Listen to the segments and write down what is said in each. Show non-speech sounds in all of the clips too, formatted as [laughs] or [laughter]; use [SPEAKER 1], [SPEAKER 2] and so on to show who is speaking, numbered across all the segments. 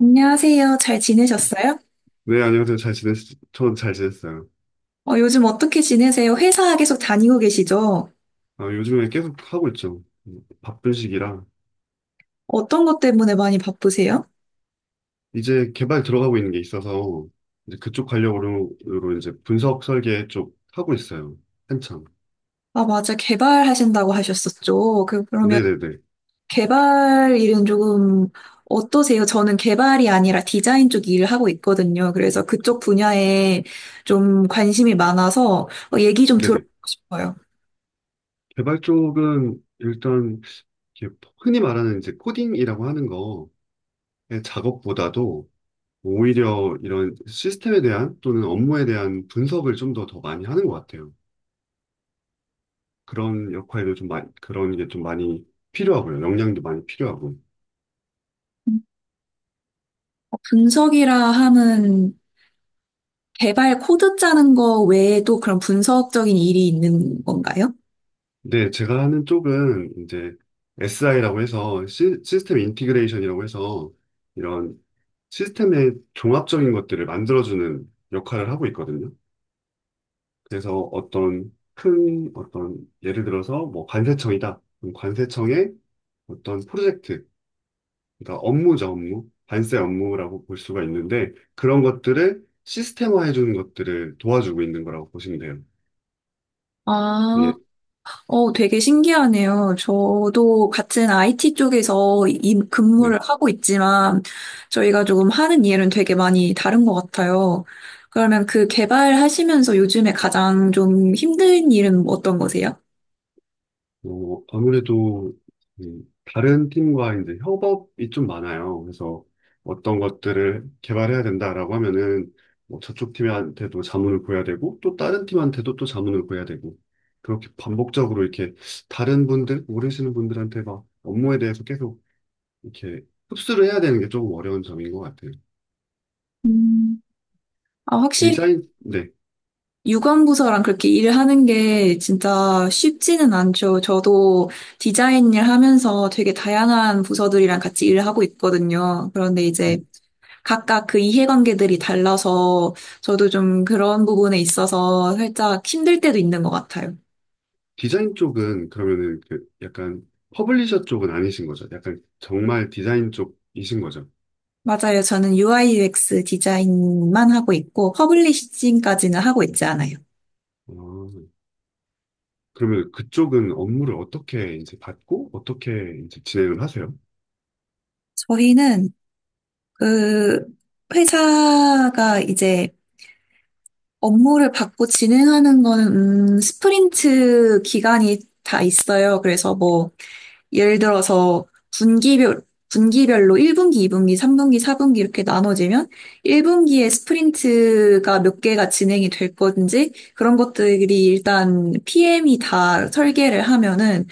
[SPEAKER 1] 안녕하세요. 잘 지내셨어요?
[SPEAKER 2] 네, 안녕하세요. 전 잘 지냈어요.
[SPEAKER 1] 요즘 어떻게 지내세요? 회사 계속 다니고 계시죠?
[SPEAKER 2] 요즘에 계속 하고 있죠. 바쁜 시기라.
[SPEAKER 1] 어떤 것 때문에 많이 바쁘세요?
[SPEAKER 2] 이제 개발 들어가고 있는 게 있어서, 이제 그쪽 관련으로 으로 이제 분석 설계 쪽 하고 있어요. 한참.
[SPEAKER 1] 아, 맞아. 개발하신다고 하셨었죠. 그러면
[SPEAKER 2] 네네네.
[SPEAKER 1] 개발 일은 조금 어떠세요? 저는 개발이 아니라 디자인 쪽 일을 하고 있거든요. 그래서 그쪽 분야에 좀 관심이 많아서 얘기 좀 들어보고
[SPEAKER 2] 네네.
[SPEAKER 1] 싶어요.
[SPEAKER 2] 개발 쪽은 일단, 이렇게 흔히 말하는 이제 코딩이라고 하는 거의 작업보다도 오히려 이런 시스템에 대한 또는 업무에 대한 분석을 좀 더 많이 하는 것 같아요. 그런 역할도 좀 많이, 그런 게 좀 많이 필요하고요. 역량도 많이 필요하고.
[SPEAKER 1] 음, 분석이라 하면 개발 코드 짜는 거 외에도 그런 분석적인 일이 있는 건가요?
[SPEAKER 2] 근데 제가 하는 쪽은 이제 SI라고 해서 스템 인티그레이션이라고 해서 이런 시스템의 종합적인 것들을 만들어주는 역할을 하고 있거든요. 그래서 어떤 큰 어떤 예를 들어서 뭐 관세청이다. 그럼 관세청의 어떤 프로젝트, 그러니까 업무죠, 업무. 관세 업무라고 볼 수가 있는데 그런 것들을 시스템화해 주는 것들을 도와주고 있는 거라고 보시면 돼요.
[SPEAKER 1] 아,
[SPEAKER 2] 예,
[SPEAKER 1] 되게 신기하네요. 저도 같은 IT 쪽에서 이
[SPEAKER 2] 네.
[SPEAKER 1] 근무를 하고 있지만 저희가 조금 하는 일은 되게 많이 다른 것 같아요. 그러면 그 개발하시면서 요즘에 가장 좀 힘든 일은 어떤 거세요?
[SPEAKER 2] 뭐, 아무래도 다른 팀과 이제 협업이 좀 많아요. 그래서 어떤 것들을 개발해야 된다라고 하면은 뭐 저쪽 팀한테도 자문을 구해야 되고 또 다른 팀한테도 또 자문을 구해야 되고 그렇게 반복적으로 이렇게 다른 분들, 모르시는 분들한테 막 업무에 대해서 계속 이렇게 흡수를 해야 되는 게 조금 어려운 점인 것 같아요.
[SPEAKER 1] 음. 아, 확실히
[SPEAKER 2] 디자인, 네.
[SPEAKER 1] 유관부서랑 그렇게 일을 하는 게 진짜 쉽지는 않죠. 저도 디자인 일 하면서 되게 다양한 부서들이랑 같이 일을 하고 있거든요. 그런데 이제 각각 그 이해관계들이 달라서 저도 좀 그런 부분에 있어서 살짝 힘들 때도 있는 것 같아요.
[SPEAKER 2] 디자인 쪽은 그러면은 그 약간 퍼블리셔 쪽은 아니신 거죠? 약간 정말 디자인 쪽이신 거죠?
[SPEAKER 1] 맞아요. 저는 UI UX 디자인만 하고 있고 퍼블리싱까지는 하고 있지 않아요.
[SPEAKER 2] 아, 그러면 그쪽은 업무를 어떻게 이제 받고 어떻게 이제 진행을 하세요?
[SPEAKER 1] 저희는 그 회사가 이제 업무를 받고 진행하는 거는 스프린트 기간이 다 있어요. 그래서 뭐 예를 들어서 분기별, 분기별로 1분기, 2분기, 3분기, 4분기 이렇게 나눠지면 1분기에 스프린트가 몇 개가 진행이 될 건지 그런 것들이 일단 PM이 다 설계를 하면은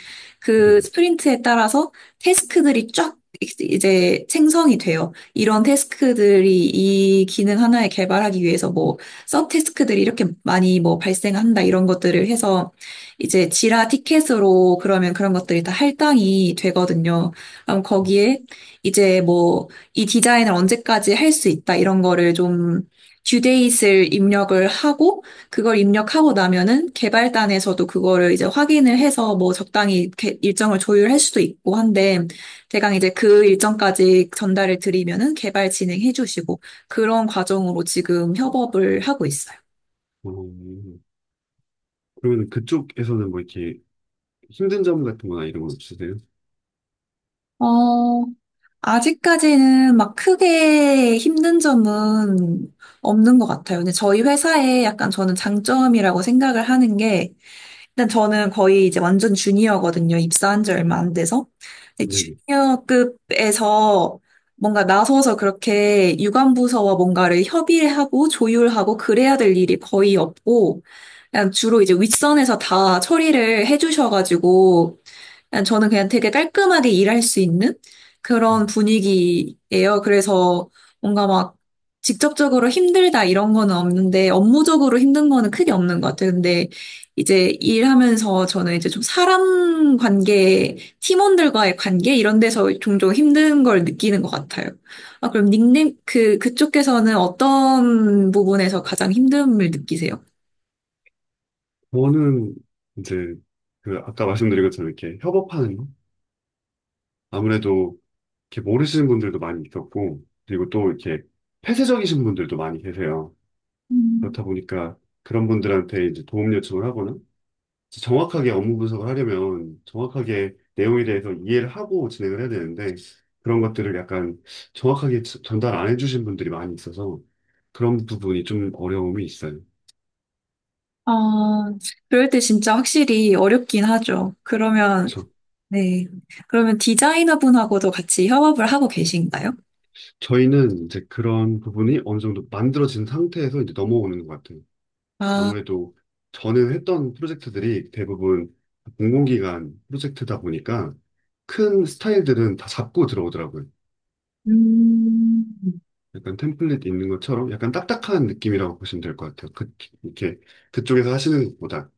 [SPEAKER 2] 네.
[SPEAKER 1] 그 스프린트에 따라서 테스크들이 쫙 이제 생성이 돼요. 이런 테스크들이 이 기능 하나에 개발하기 위해서 뭐 서테스크들이 이렇게 많이 뭐 발생한다 이런 것들을 해서 이제 지라 티켓으로 그러면 그런 것들이 다 할당이 되거든요. 그럼 거기에 이제 뭐 이 디자인을 언제까지 할 수 있다 이런 거를 좀 듀데이트를 입력을 하고 그걸 입력하고 나면은 개발단에서도 그거를 이제 확인을 해서 뭐 적당히 이렇게 일정을 조율할 수도 있고 한데 대강 이제 그 일정까지 전달을 드리면은 개발 진행해 주시고 그런 과정으로 지금 협업을 하고 있어요.
[SPEAKER 2] 어, 그러면 그쪽에서는 뭐 이렇게 힘든 점 같은 거나 이런 건 없으세요?
[SPEAKER 1] 어, 아직까지는 막 크게 힘든 점은 없는 것 같아요. 근데 저희 회사에 약간 저는 장점이라고 생각을 하는 게, 일단 저는 거의 이제 완전 주니어거든요. 입사한 지 얼마 안 돼서. 근데
[SPEAKER 2] 네네.
[SPEAKER 1] 주니어급에서 뭔가 나서서 그렇게 유관부서와 뭔가를 협의하고 조율하고 그래야 될 일이 거의 없고, 그냥 주로 이제 윗선에서 다 처리를 해주셔가지고, 그냥 저는 그냥 되게 깔끔하게 일할 수 있는 그런 분위기예요. 그래서 뭔가 막 직접적으로 힘들다 이런 거는 없는데 업무적으로 힘든 거는 크게 없는 것 같아요. 근데 이제 일하면서 저는 이제 좀 사람 관계, 팀원들과의 관계 이런 데서 종종 힘든 걸 느끼는 것 같아요. 아, 그럼 닉네임 그 그쪽에서는 어떤 부분에서 가장 힘듦을 느끼세요?
[SPEAKER 2] 저는 이제 그 아까 말씀드린 것처럼 이렇게 협업하는 거? 아무래도 이렇게 모르시는 분들도 많이 있었고, 그리고 또 이렇게 폐쇄적이신 분들도 많이 계세요. 그렇다 보니까 그런 분들한테 이제 도움 요청을 하거나 이제 정확하게 업무 분석을 하려면 정확하게 내용에 대해서 이해를 하고 진행을 해야 되는데 그런 것들을 약간 정확하게 전달 안 해주신 분들이 많이 있어서 그런 부분이 좀 어려움이 있어요.
[SPEAKER 1] 아, 그럴 때 진짜 확실히 어렵긴 하죠. 그러면
[SPEAKER 2] 저,
[SPEAKER 1] 네. 그러면 디자이너분하고도 같이 협업을 하고 계신가요?
[SPEAKER 2] 저희는 이제 그런 부분이 어느 정도 만들어진 상태에서 이제 넘어오는 것 같아요.
[SPEAKER 1] 아,
[SPEAKER 2] 아무래도 저는 했던 프로젝트들이 대부분 공공기관 프로젝트다 보니까 큰 스타일들은 다 잡고 들어오더라고요.
[SPEAKER 1] 음.
[SPEAKER 2] 약간 템플릿 있는 것처럼 약간 딱딱한 느낌이라고 보시면 될 것 같아요. 그, 이렇게 그쪽에서 하시는 것보다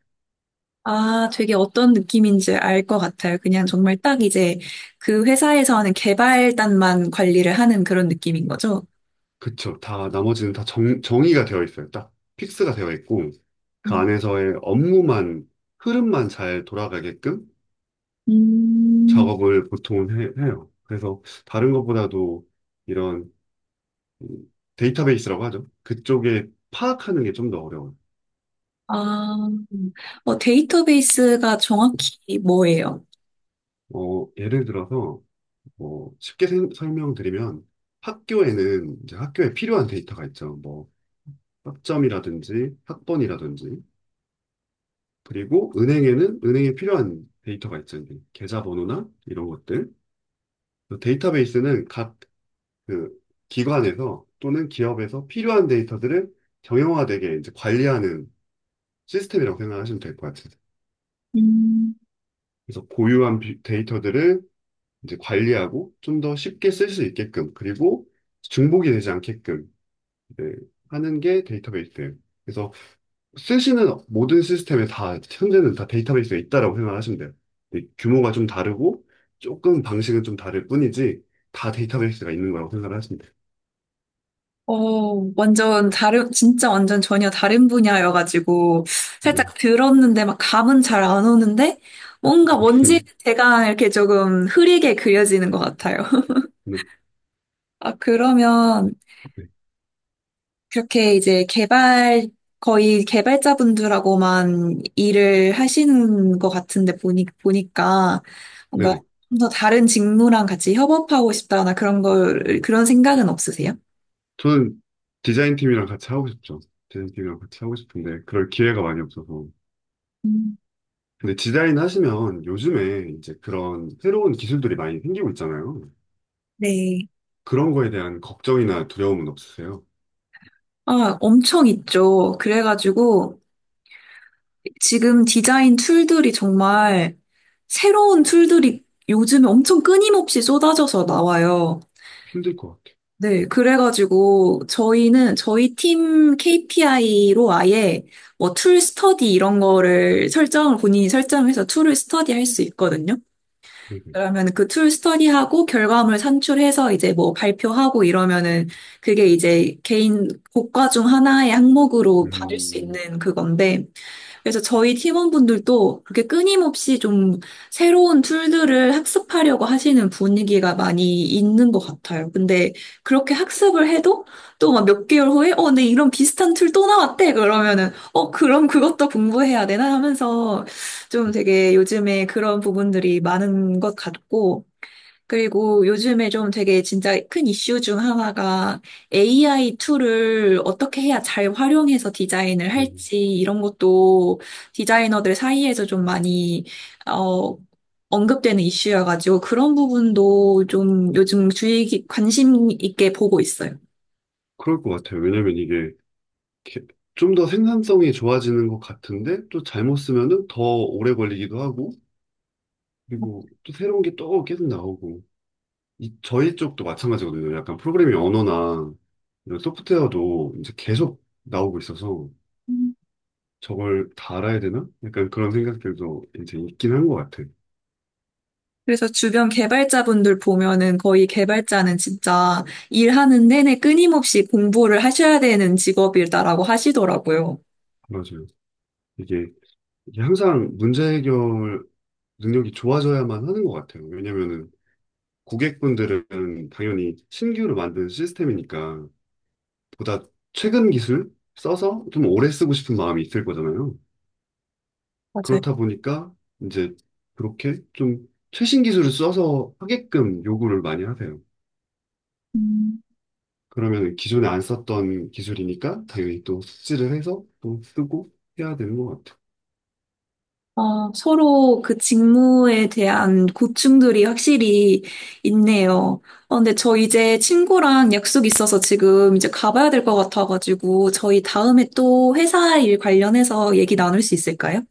[SPEAKER 1] 아, 되게 어떤 느낌인지 알 것 같아요. 그냥 정말 딱 이제 그 회사에서 하는 개발단만 관리를 하는 그런 느낌인 거죠?
[SPEAKER 2] 그쵸. 다 나머지는 다 정의가 되어 있어요. 딱 픽스가 되어 있고 그 안에서의 업무만 흐름만 잘 돌아가게끔
[SPEAKER 1] 음.
[SPEAKER 2] 작업을 보통 해요. 그래서 다른 것보다도 이런 음, 데이터베이스라고 하죠. 그쪽에 파악하는 게 좀 더 어려워요.
[SPEAKER 1] 아, 데이터베이스가 정확히 뭐예요?
[SPEAKER 2] 어, 예를 들어서 뭐 쉽게 설명드리면 학교에는 이제 학교에 필요한 데이터가 있죠. 뭐 학점이라든지 학번이라든지 그리고 은행에는 은행에 필요한 데이터가 있죠. 이제 계좌번호나 이런 것들. 그 데이터베이스는 각 그 기관에서 또는 기업에서 필요한 데이터들을 정형화되게 이제 관리하는 시스템이라고 생각하시면 될 것 같아요.
[SPEAKER 1] 음.
[SPEAKER 2] 그래서 고유한 데이터들을 이제 관리하고 좀 더 쉽게 쓸 수 있게끔 그리고 중복이 되지 않게끔 네, 하는 게 데이터베이스. 그래서 쓰시는 모든 시스템에 다 현재는 다 데이터베이스가 있다라고 생각하시면 돼요. 근데 규모가 좀 다르고 조금 방식은 좀 다를 뿐이지 다 데이터베이스가 있는 거라고 생각을 하시면 돼요.
[SPEAKER 1] 어, 완전 다른, 진짜 완전 전혀 다른 분야여가지고,
[SPEAKER 2] 네.
[SPEAKER 1] 살짝 들었는데 막 감은 잘 안 오는데, 뭔가
[SPEAKER 2] [laughs]
[SPEAKER 1] 뭔지 제가 이렇게 조금 흐리게 그려지는 것 같아요. [laughs]
[SPEAKER 2] 네.
[SPEAKER 1] 아, 그러면,
[SPEAKER 2] 네.
[SPEAKER 1] 그렇게 이제 개발, 거의 개발자분들하고만 일을 하시는 것 같은데, 보니까, 뭔가
[SPEAKER 2] 네네.
[SPEAKER 1] 좀 더 다른 직무랑 같이 협업하고 싶다나 그런 걸, 그런 생각은 없으세요?
[SPEAKER 2] 저는 디자인 팀이랑 같이 하고 싶죠. 디자인 팀이랑 같이 하고 싶은데 그럴 기회가 많이 없어서.
[SPEAKER 1] 음,
[SPEAKER 2] 근데 디자인 하시면 요즘에 이제 그런 새로운 기술들이 많이 생기고 있잖아요.
[SPEAKER 1] 네.
[SPEAKER 2] 그런 거에 대한 걱정이나 두려움은 없으세요?
[SPEAKER 1] 아, 엄청 있죠. 그래가지고 지금 디자인 툴들이 정말 새로운 툴들이 요즘에 엄청 끊임없이 쏟아져서 나와요.
[SPEAKER 2] 힘들 것 같아요.
[SPEAKER 1] 네, 그래가지고 저희는 저희 팀 KPI로 아예 뭐 툴 스터디 이런 거를 설정을 본인이 설정해서 툴을 스터디 할 수 있거든요.
[SPEAKER 2] 네 네.
[SPEAKER 1] 그러면 그 툴 스터디하고 결과물 산출해서 이제 뭐 발표하고 이러면은 그게 이제 개인 고과 중 하나의 항목으로 받을 수
[SPEAKER 2] 음,
[SPEAKER 1] 있는 그건데 그래서 저희 팀원분들도 그렇게 끊임없이 좀 새로운 툴들을 학습하려고 하시는 분위기가 많이 있는 것 같아요. 근데 그렇게 학습을 해도 또 막 몇 개월 후에 어, 근데 이런 비슷한 툴 또 나왔대. 그러면은 어, 그럼 그것도 공부해야 되나 하면서 좀 되게 요즘에 그런 부분들이 많은 것 같고 그리고 요즘에 좀 되게 진짜 큰 이슈 중 하나가 AI 툴을 어떻게 해야 잘 활용해서 디자인을
[SPEAKER 2] 음,
[SPEAKER 1] 할지 이런 것도 디자이너들 사이에서 좀 많이 어, 언급되는 이슈여가지고 그런 부분도 좀 요즘 주의 깊- 관심 있게 보고 있어요.
[SPEAKER 2] 그럴 것 같아요. 왜냐면 이게 좀 더 생산성이 좋아지는 것 같은데 또 잘못 쓰면은 더 오래 걸리기도 하고 그리고 또 새로운 게 또 계속 나오고 이, 저희 쪽도 마찬가지거든요. 약간 프로그래밍 언어나 이런 소프트웨어도 이제 계속 나오고 있어서
[SPEAKER 1] 음.
[SPEAKER 2] 저걸 다 알아야 되나? 약간 그런 생각들도 이제 있긴 한 것 같아요.
[SPEAKER 1] 그래서 주변 개발자분들 보면은 거의 개발자는 진짜 일하는 내내 끊임없이 공부를 하셔야 되는 직업이다라고 하시더라고요.
[SPEAKER 2] 맞아요. 이게, 이게 항상 문제 해결 능력이 좋아져야만 하는 것 같아요. 왜냐면은 고객분들은 당연히 신규로 만든 시스템이니까 보다 최근 기술 써서 좀 오래 쓰고 싶은 마음이 있을 거잖아요.
[SPEAKER 1] 맞아요.
[SPEAKER 2] 그렇다 보니까 이제 그렇게 좀 최신 기술을 써서 하게끔 요구를 많이 하세요. 그러면 기존에 안 썼던 기술이니까 당연히 또 숙지를 해서 또 쓰고 해야 되는 것 같아요.
[SPEAKER 1] 어, 서로 그 직무에 대한 고충들이 확실히 있네요. 어, 근데 저 이제 친구랑 약속 있어서 지금 이제 가봐야 될 것 같아가지고 저희 다음에 또 회사 일 관련해서 얘기 나눌 수 있을까요?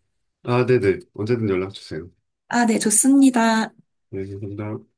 [SPEAKER 2] 아, 네네. 언제든 연락 주세요.
[SPEAKER 1] 아, 네, 좋습니다.
[SPEAKER 2] 네, 감사합니다.